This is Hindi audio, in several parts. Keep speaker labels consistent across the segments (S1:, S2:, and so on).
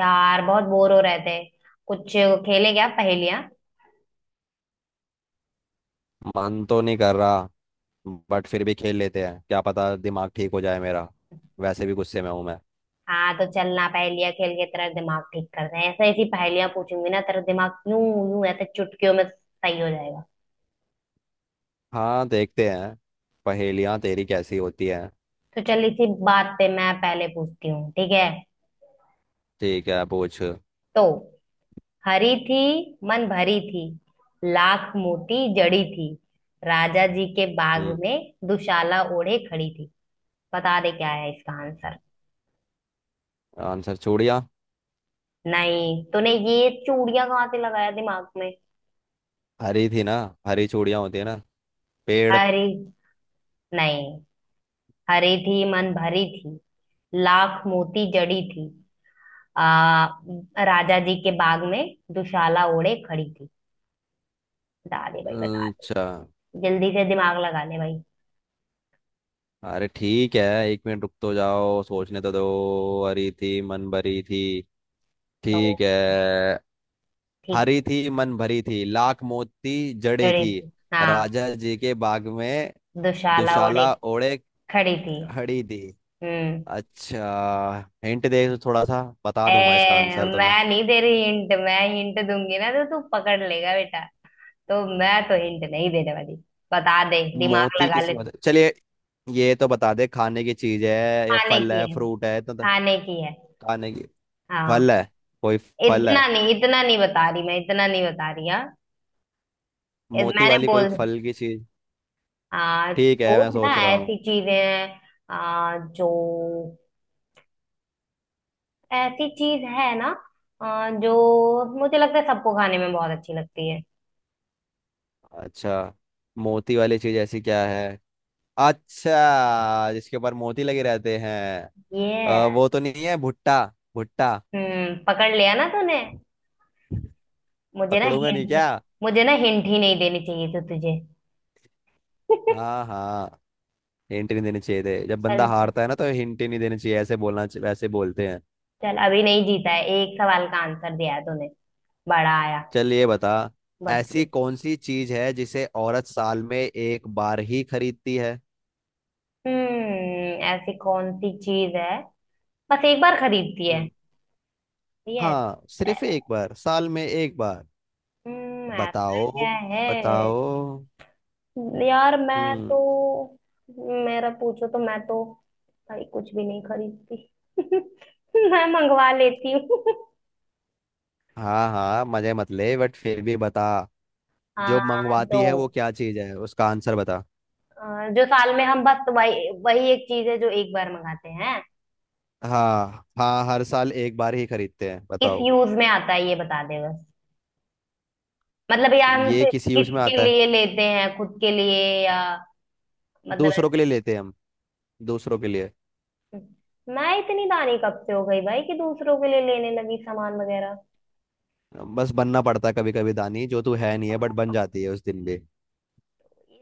S1: यार बहुत बोर हो रहे थे। कुछ खेले क्या पहेलियां?
S2: मन तो नहीं कर रहा बट फिर भी खेल लेते हैं, क्या पता दिमाग ठीक हो जाए मेरा। वैसे भी गुस्से में हूं मैं।
S1: हाँ तो चलना पहेलियां खेल के तेरा दिमाग ठीक कर रहे हैं। ऐसा ऐसी पहेलियां पूछूंगी ना तेरा दिमाग यूं यूं ऐसे चुटकियों में सही हो जाएगा।
S2: हाँ, देखते हैं। पहेलियां तेरी कैसी होती हैं?
S1: तो चल इसी बात पे मैं पहले पूछती हूँ, ठीक है?
S2: ठीक है, पूछ।
S1: तो हरी थी, मन भरी थी, लाख मोती जड़ी थी, राजा जी के बाग
S2: हम्म।
S1: में दुशाला ओढ़े खड़ी थी। बता दे क्या है इसका आंसर।
S2: आंसर चूड़ियां।
S1: नहीं, तूने ये चूड़ियां कहाँ से लगाया दिमाग में?
S2: हरी थी ना, हरी चूड़ियां होती है ना। पेड़।
S1: अरे नहीं। हरी थी, मन भरी थी, लाख मोती जड़ी थी, आ, राजा जी के बाग में दुशाला ओढ़े खड़ी थी। बता दे भाई, बता दे।
S2: अच्छा।
S1: जल्दी से दिमाग लगा ले भाई।
S2: अरे ठीक है, एक मिनट रुक तो जाओ, सोचने तो दो। हरी थी मन भरी थी।
S1: तो
S2: ठीक है।
S1: ठीक।
S2: हरी थी मन भरी थी लाख मोती जड़ी
S1: खड़ी
S2: थी
S1: थी हाँ।
S2: राजा जी के बाग में
S1: दुशाला ओढ़े
S2: दुशाला ओढ़े
S1: खड़ी थी।
S2: खड़ी थी।
S1: हम्म।
S2: अच्छा। हिंट दे तो थोड़ा सा बता
S1: ए,
S2: दूंगा इसका आंसर तुम्हें।
S1: मैं नहीं दे रही हिंट। मैं हिंट दूंगी ना तो तू पकड़ लेगा बेटा। तो मैं तो हिंट नहीं देने वाली। बता दे, दिमाग
S2: मोती
S1: लगा
S2: किस
S1: ले।
S2: मत चलिए। ये तो बता दे, खाने की चीज है या
S1: खाने
S2: फल
S1: की
S2: है,
S1: है,
S2: फ्रूट है
S1: खाने की है।
S2: खाने की।
S1: हाँ।
S2: फल है। कोई फल
S1: इतना
S2: है।
S1: नहीं, इतना नहीं बता रही मैं, इतना नहीं बता रही हाँ।
S2: मोती
S1: मैंने
S2: वाली कोई
S1: बोल।
S2: फल की चीज।
S1: हाँ
S2: ठीक है,
S1: सोच
S2: मैं
S1: ना,
S2: सोच रहा हूँ।
S1: ऐसी चीजें हैं। जो ऐसी चीज है ना। जो मुझे लगता है सबको खाने में बहुत अच्छी लगती है।
S2: अच्छा, मोती वाली चीज ऐसी क्या है? अच्छा, जिसके ऊपर मोती लगे रहते हैं।
S1: ये है।
S2: वो तो नहीं है भुट्टा? भुट्टा।
S1: हम्म, पकड़ लिया ना तूने। मुझे ना
S2: पकड़ूंगा नहीं
S1: हिंट,
S2: क्या?
S1: मुझे ना हिंट ही नहीं देनी चाहिए थी तुझे।
S2: हाँ हाँ, हिंट नहीं देने चाहिए थे। जब बंदा
S1: चल चल।
S2: हारता है ना तो हिंट ही नहीं देने चाहिए, ऐसे बोलना वैसे बोलते हैं।
S1: चल अभी नहीं जीता है, एक सवाल का आंसर दिया है तूने। बड़ा आया।
S2: चल ये बता। ऐसी
S1: बता।
S2: कौन सी चीज है जिसे औरत साल में एक बार ही खरीदती है?
S1: हम्म, ऐसी कौन सी चीज है? बस एक बार खरीदती है।
S2: हम्म।
S1: ठीक है।
S2: हाँ,
S1: ऐ-
S2: सिर्फ एक बार, साल में एक बार।
S1: हम्म, ऐसा
S2: बताओ,
S1: क्या है?
S2: बताओ।
S1: यार मैं तो,
S2: हम्म।
S1: मेरा पूछो तो मैं तो, भाई कुछ भी नहीं खरीदती। मैं मंगवा लेती हूँ।
S2: हाँ हाँ, मजे मत ले, बट फिर भी बता।
S1: हाँ।
S2: जो मंगवाती है वो
S1: तो
S2: क्या चीज है उसका आंसर बता।
S1: जो साल में हम बस वही वही एक चीज है जो एक बार मंगाते हैं।
S2: हाँ हाँ, हर साल एक बार ही खरीदते हैं,
S1: किस
S2: बताओ।
S1: यूज में आता है ये बता दे बस। मतलब यार हम
S2: ये किस यूज में
S1: किसके
S2: आता है?
S1: लिए लेते हैं? खुद के लिए या मतलब।
S2: दूसरों के लिए लेते हैं हम। दूसरों के लिए।
S1: मैं इतनी दानी कब से हो गई भाई कि दूसरों के लिए लेने लगी सामान वगैरह।
S2: बस बनना पड़ता है कभी कभी दानी, जो तू है नहीं है बट बन जाती है उस दिन भी।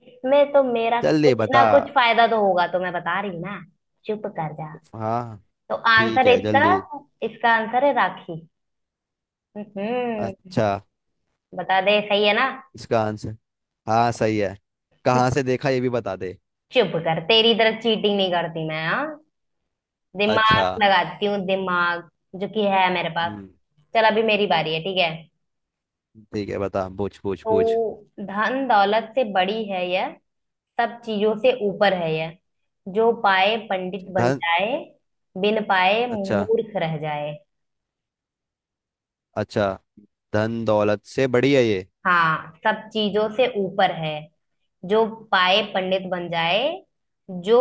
S1: इसमें तो मेरा
S2: जल्दी
S1: कुछ
S2: बता।
S1: ना कुछ फायदा तो होगा तो मैं बता रही हूँ ना। चुप कर जा।
S2: हाँ
S1: तो
S2: ठीक
S1: आंसर
S2: है,
S1: इसका,
S2: जल्दी।
S1: इसका आंसर है राखी। हम्म,
S2: अच्छा।
S1: बता दे सही है ना।
S2: इसका आंसर। हाँ सही है। कहाँ से देखा ये भी बता दे।
S1: चुप कर, तेरी तरह चीटिंग नहीं करती मैं हाँ।
S2: अच्छा।
S1: दिमाग लगाती हूँ दिमाग, जो कि है मेरे पास।
S2: हम्म।
S1: चल अभी मेरी बारी है, ठीक है?
S2: ठीक है, बता, पूछ पूछ पूछ।
S1: तो धन दौलत से बड़ी है यह, सब चीजों से ऊपर है यह। जो पाए पंडित बन
S2: धन।
S1: जाए, बिन पाए
S2: अच्छा।
S1: मूर्ख रह जाए।
S2: अच्छा। धन दौलत से बड़ी है ये।
S1: हाँ सब चीजों से ऊपर है। जो पाए पंडित बन जाए, जो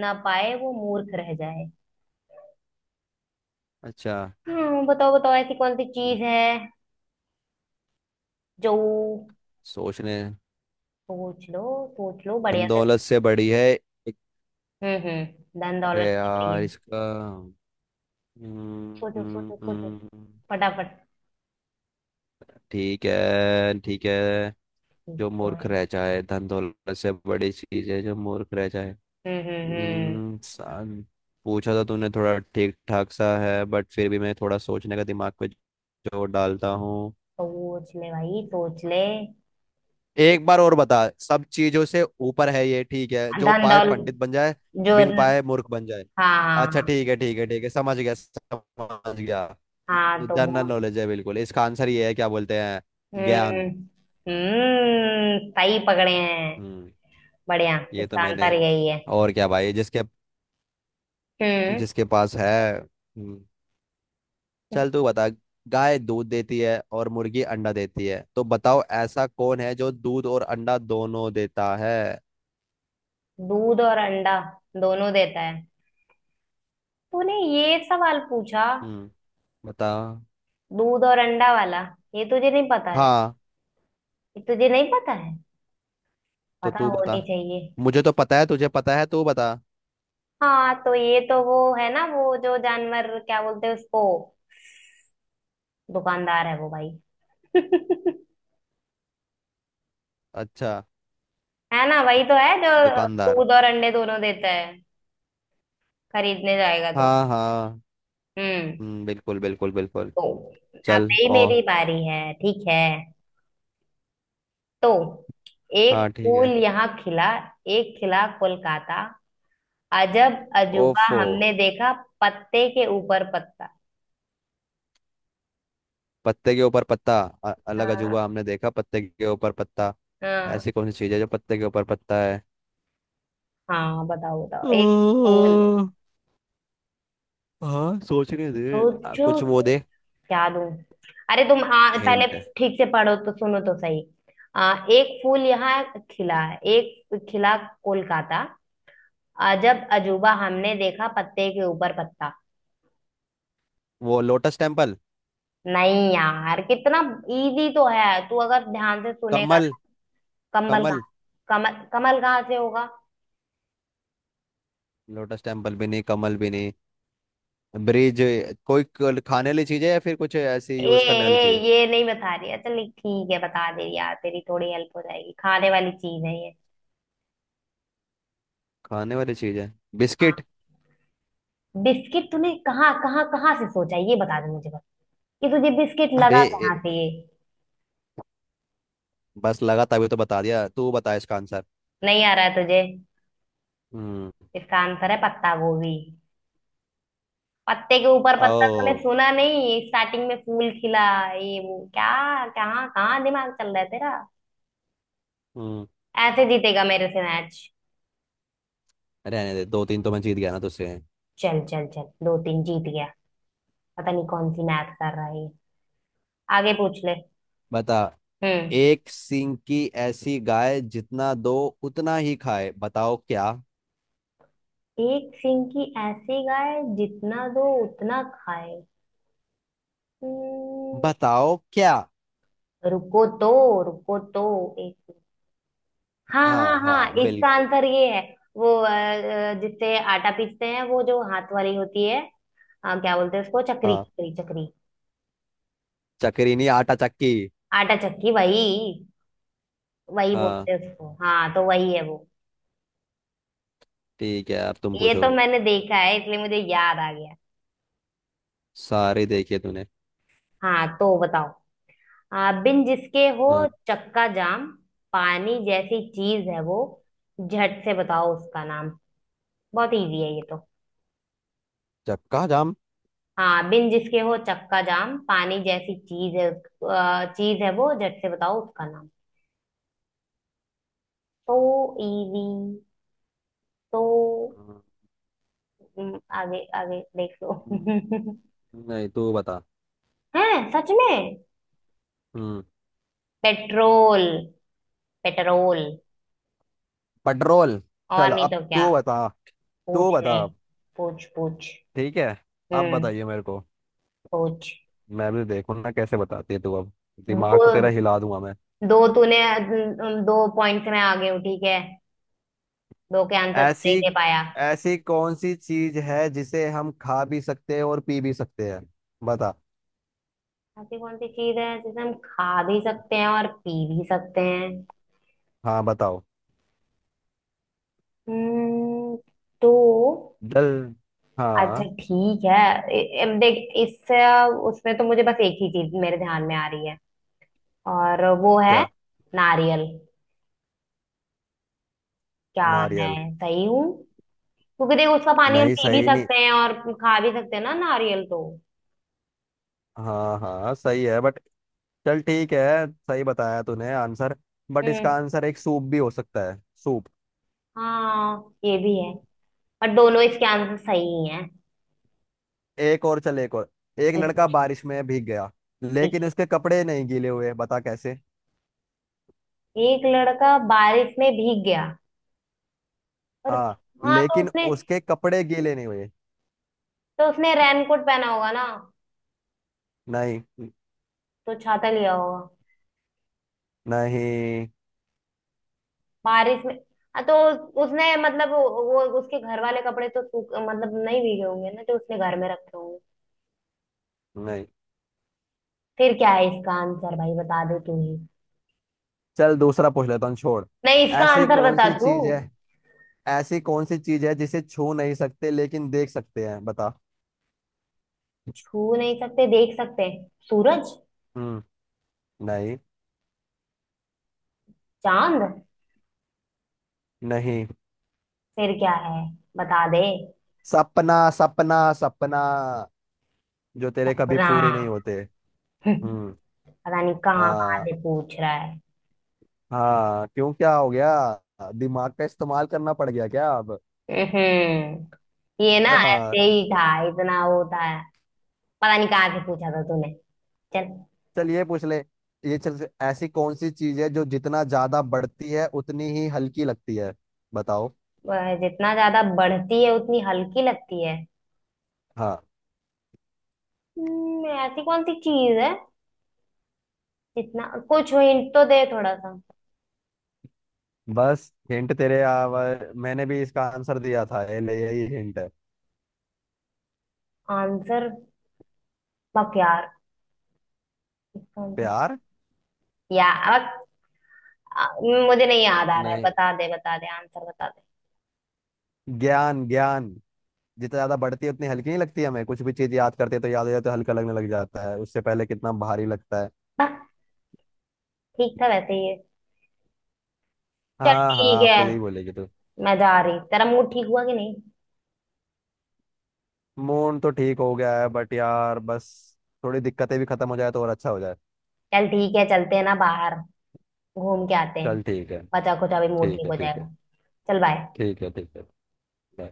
S1: ना पाए वो मूर्ख रह जाए।
S2: अच्छा।
S1: हम्म, बताओ बताओ ऐसी कौन सी
S2: हम्म,
S1: चीज है जो।
S2: सोचने।
S1: सोच लो, सोच लो बढ़िया से।
S2: दौलत से बड़ी है। एक-
S1: हम्म। धन
S2: अरे
S1: दौलत से बड़ी
S2: यार
S1: है।
S2: इसका। हम्म,
S1: सोचो
S2: हम्म,
S1: सोचो सोचो
S2: हम्म।
S1: फटाफट।
S2: ठीक है ठीक है। जो
S1: तो
S2: मूर्ख
S1: है।
S2: रह जाए, धन दौलत से बड़ी चीज है जो मूर्ख रह जाए।
S1: हम्म।
S2: हम्म, सान- पूछा तो तूने थोड़ा ठीक ठाक सा है, बट फिर भी मैं थोड़ा सोचने का दिमाग पे जोर डालता हूँ।
S1: सोच ले भाई, सोच ले।
S2: एक बार और बता। सब चीजों से ऊपर है ये, ठीक है, जो
S1: धन
S2: पाए
S1: दौलत।
S2: पंडित बन जाए,
S1: जो।
S2: बिन पाए मूर्ख बन जाए।
S1: हाँ
S2: अच्छा
S1: हाँ
S2: ठीक है ठीक है ठीक है, समझ गया समझ गया।
S1: हाँ। तो
S2: जनरल
S1: बोल।
S2: नॉलेज है बिल्कुल इसका आंसर, ये है क्या बोलते हैं,
S1: हम्म,
S2: ज्ञान।
S1: सही पकड़े हैं।
S2: हम्म।
S1: बढ़िया,
S2: ये तो
S1: इसका
S2: मैंने।
S1: आंसर यही है।
S2: और क्या भाई, जिसके।
S1: हम्म।
S2: जिसके पास है। हम्म। चल तू बता। गाय दूध देती है और मुर्गी अंडा देती है, तो बताओ ऐसा कौन है जो दूध और अंडा दोनों देता है?
S1: दूध और अंडा दोनों देता है? तूने ये सवाल पूछा?
S2: हम्म। बता।
S1: दूध और अंडा वाला, ये तुझे नहीं पता है?
S2: हाँ।
S1: ये तुझे नहीं पता है?
S2: तो
S1: पता
S2: तू बता।
S1: होनी चाहिए।
S2: मुझे तो पता है, तुझे पता है, तू बता।
S1: हाँ तो ये तो वो है ना, वो जो जानवर क्या बोलते हैं उसको। दुकानदार है वो भाई।
S2: अच्छा।
S1: है ना, वही तो है जो
S2: दुकानदार।
S1: दूध और अंडे दोनों देता है। खरीदने जाएगा तो।
S2: हाँ हाँ।
S1: हम्म।
S2: बिल्कुल बिल्कुल बिल्कुल।
S1: तो अब
S2: चल
S1: ही
S2: ओ।
S1: मेरी बारी है, ठीक है? तो एक
S2: हाँ ठीक
S1: फूल
S2: है।
S1: यहाँ खिला, एक खिला कोलकाता। अजब अजूबा
S2: ओफो।
S1: हमने देखा, पत्ते के ऊपर पत्ता।
S2: पत्ते के ऊपर पत्ता। अलग अजूबा
S1: हाँ
S2: हमने देखा पत्ते के ऊपर पत्ता।
S1: हाँ।
S2: ऐसी कौन सी चीज है जो पत्ते के ऊपर पत्ता है?
S1: हाँ बताओ बताओ। एक फूल।
S2: ओ, हाँ सोचने दे,
S1: सोचो।
S2: कुछ वो दे।
S1: क्या दूं? अरे तुम पहले
S2: हिंट।
S1: ठीक से पढ़ो तो, सुनो तो सही। एक फूल यहाँ खिला, एक खिला कोलकाता। अजब अजूबा हमने देखा, पत्ते के ऊपर पत्ता।
S2: वो लोटस टेम्पल।
S1: नहीं यार, कितना इजी तो है, तू अगर ध्यान से सुनेगा
S2: कमल।
S1: ना। कमल कहाँ?
S2: कमल।
S1: कमल, कमल कहाँ से होगा?
S2: लोटस टेम्पल भी नहीं, कमल भी नहीं। ब्रिज। कोई खाने वाली चीज है या फिर कुछ ऐसी
S1: ए
S2: यूज करने वाली
S1: ए,
S2: चीज है?
S1: ये नहीं बता रही है। चल ठीक है बता दे यार, तेरी थोड़ी हेल्प हो जाएगी। खाने वाली चीज है ये।
S2: खाने वाली चीज है।
S1: हाँ।
S2: बिस्किट।
S1: बिस्किट? तूने कहाँ कहाँ कहाँ से सोचा है? ये बता दे मुझे बस। ये तुझे बिस्किट
S2: अबे।
S1: लगा
S2: ए-
S1: कहाँ से ये?
S2: बस लगा, तभी तो बता दिया। तू बता इसका आंसर।
S1: नहीं आ रहा है तुझे।
S2: हम्म।
S1: इसका आंसर है पत्ता गोभी। पत्ते के ऊपर पत्ता, तूने
S2: ओ।
S1: सुना नहीं स्टार्टिंग में फूल खिला। ये वो क्या, कहाँ कहाँ दिमाग चल रहा है तेरा?
S2: हम्म।
S1: ऐसे जीतेगा मेरे से मैच?
S2: रहने दे, दो तीन तो मैं जीत गया ना तुझसे।
S1: चल चल चल, दो तीन जीत गया। पता नहीं कौन सी मैथ कर रहा है ये। आगे पूछ ले।
S2: बता।
S1: हम्म।
S2: एक सींग की ऐसी गाय जितना दो उतना ही खाए, बताओ क्या?
S1: एक सिंह की ऐसी गाय, जितना दो उतना खाए। हम्म,
S2: बताओ क्या?
S1: रुको तो, रुको तो। एक, हाँ हाँ
S2: हाँ हाँ,
S1: हाँ, इसका
S2: बिल्कुल।
S1: आंसर ये है वो जिससे आटा पीसते हैं, वो जो हाथ वाली होती है। हाँ क्या बोलते हैं उसको? चक्री
S2: हाँ।
S1: चक्री चक्री।
S2: चक्री नहीं, आटा चक्की।
S1: आटा चक्की, वही वही
S2: हाँ,
S1: बोलते हैं उसको। हाँ तो वही है वो।
S2: ठीक है अब तुम
S1: ये
S2: पूछो।
S1: तो मैंने देखा है इसलिए मुझे याद आ गया।
S2: सारे देखे तूने।
S1: हाँ तो बताओ। बिन जिसके हो
S2: हाँ।
S1: चक्का जाम, पानी जैसी चीज है वो, झट से बताओ उसका नाम। बहुत इजी है ये तो।
S2: चक्का जाम।
S1: हाँ बिन जिसके हो चक्का जाम, पानी जैसी चीज है चीज है वो, झट से बताओ उसका नाम। तो इजी। तो आगे आगे देख लो।
S2: हम्म, नहीं तू बता।
S1: है सच में।
S2: हम्म।
S1: Petrol, petrol.
S2: पेट्रोल।
S1: और
S2: चल
S1: नहीं
S2: अब
S1: तो क्या।
S2: तू बता। तू
S1: पूछ
S2: बता।
S1: ले, पूछ पूछ।
S2: ठीक है, अब
S1: हम्म।
S2: बताइए मेरे को।
S1: पूछ।
S2: मैं भी देखूँ ना कैसे बताती है तू अब। दिमाग तो
S1: दो,
S2: तेरा हिला दूंगा मैं।
S1: दो तूने दो पॉइंट से मैं आगे हूँ, ठीक है? दो के आंसर नहीं
S2: ऐसी।
S1: दे पाया।
S2: ऐसी कौन सी चीज है जिसे हम खा भी सकते हैं और पी भी सकते हैं? बता।
S1: ऐसी कौन सी चीज है जिसे हम खा भी सकते हैं और पी भी सकते हैं?
S2: हाँ बताओ।
S1: हम्म, तो।
S2: जल।
S1: अच्छा
S2: हाँ।
S1: ठीक है। अब देख, इस उसमें तो मुझे बस एक ही चीज मेरे ध्यान में आ रही है, और वो है
S2: क्या?
S1: नारियल। क्या
S2: नारियल?
S1: मैं सही हूँ? क्योंकि देख उसका पानी हम
S2: नहीं,
S1: पी भी
S2: सही नहीं।
S1: सकते हैं और खा भी सकते हैं ना नारियल तो।
S2: हाँ हाँ, सही है बट। चल ठीक है, सही बताया तूने आंसर। बट इसका
S1: हम्म।
S2: आंसर एक सूप भी हो सकता है, सूप।
S1: हाँ ये भी है, पर दोनों इसके आंसर सही ही हैं।
S2: एक और चल, एक और। एक लड़का
S1: बिल्कुल।
S2: बारिश में भीग गया
S1: ठीक।
S2: लेकिन उसके कपड़े नहीं गीले हुए, बता कैसे?
S1: एक लड़का बारिश में भीग गया, और
S2: हाँ,
S1: हाँ तो
S2: लेकिन
S1: उसने,
S2: उसके कपड़े गीले नहीं हुए।
S1: तो उसने रेनकोट पहना होगा ना।
S2: नहीं।
S1: तो छाता लिया होगा
S2: नहीं।
S1: बारिश में। हाँ तो उसने मतलब वो, उसके घर वाले कपड़े तो सूख, मतलब नहीं भीगे होंगे ना, तो उसने घर में रखे होंगे।
S2: नहीं,
S1: फिर क्या है इसका आंसर भाई, बता दे तू ही।
S2: चल दूसरा पूछ लेता हूँ छोड़।
S1: नहीं इसका
S2: ऐसी
S1: आंसर
S2: कौन
S1: बता
S2: सी
S1: दू।
S2: चीज है। ऐसी कौन सी चीज है जिसे छू नहीं सकते लेकिन देख सकते हैं, बता।
S1: छू नहीं सकते, देख सकते हैं। सूरज,
S2: हम्म। नहीं।
S1: चांद।
S2: नहीं।
S1: फिर क्या है, बता दे।
S2: सपना सपना सपना, जो तेरे कभी
S1: अपना,
S2: पूरे नहीं होते। हम्म।
S1: पता नहीं कहाँ कहाँ
S2: हाँ।
S1: से पूछ रहा है।
S2: हाँ, क्यों क्या हो गया, दिमाग का इस्तेमाल करना पड़ गया क्या अब?
S1: हम्म। ये ना
S2: हाँ।
S1: ऐसे ही था, इतना वो था। पता नहीं कहाँ से पूछा था तूने। चल।
S2: चल ये पूछ ले। ये चल ऐसी कौन सी चीज है जो जितना ज्यादा बढ़ती है उतनी ही हल्की लगती है, बताओ?
S1: वह जितना ज्यादा बढ़ती है उतनी हल्की लगती है।
S2: हाँ।
S1: ऐसी कौन सी चीज है? जितना कुछ हिंट तो दे थोड़ा सा।
S2: बस हिंट तेरे आवर मैंने भी इसका आंसर दिया था ये ले, यही हिंट है।
S1: आंसर बक यार, इसका आंसर
S2: प्यार।
S1: या बक। आ, मुझे नहीं याद आ रहा है,
S2: नहीं।
S1: बता दे, बता दे आंसर बता दे।
S2: ज्ञान ज्ञान। जितना ज्यादा बढ़ती है उतनी हल्की नहीं लगती, हमें कुछ भी चीज याद करते हैं तो याद हो जाए तो हल्का लगने लग जाता है, उससे पहले कितना भारी लगता है।
S1: बक। ठीक था वैसे ये। चल
S2: हाँ हाँ,
S1: ठीक
S2: आप
S1: है,
S2: तो यही बोलेगी तू।
S1: मैं जा रही। तेरा मूड ठीक हुआ कि नहीं?
S2: मून तो ठीक हो गया है बट यार, बस थोड़ी दिक्कतें भी खत्म हो जाए तो और अच्छा हो जाए।
S1: चल ठीक है चलते हैं ना बाहर, घूम के आते हैं।
S2: चल ठीक है
S1: बचा खुचा भी मूड
S2: ठीक
S1: ठीक
S2: है
S1: हो
S2: ठीक है
S1: जाएगा। चल बाय।
S2: ठीक है ठीक है। bye.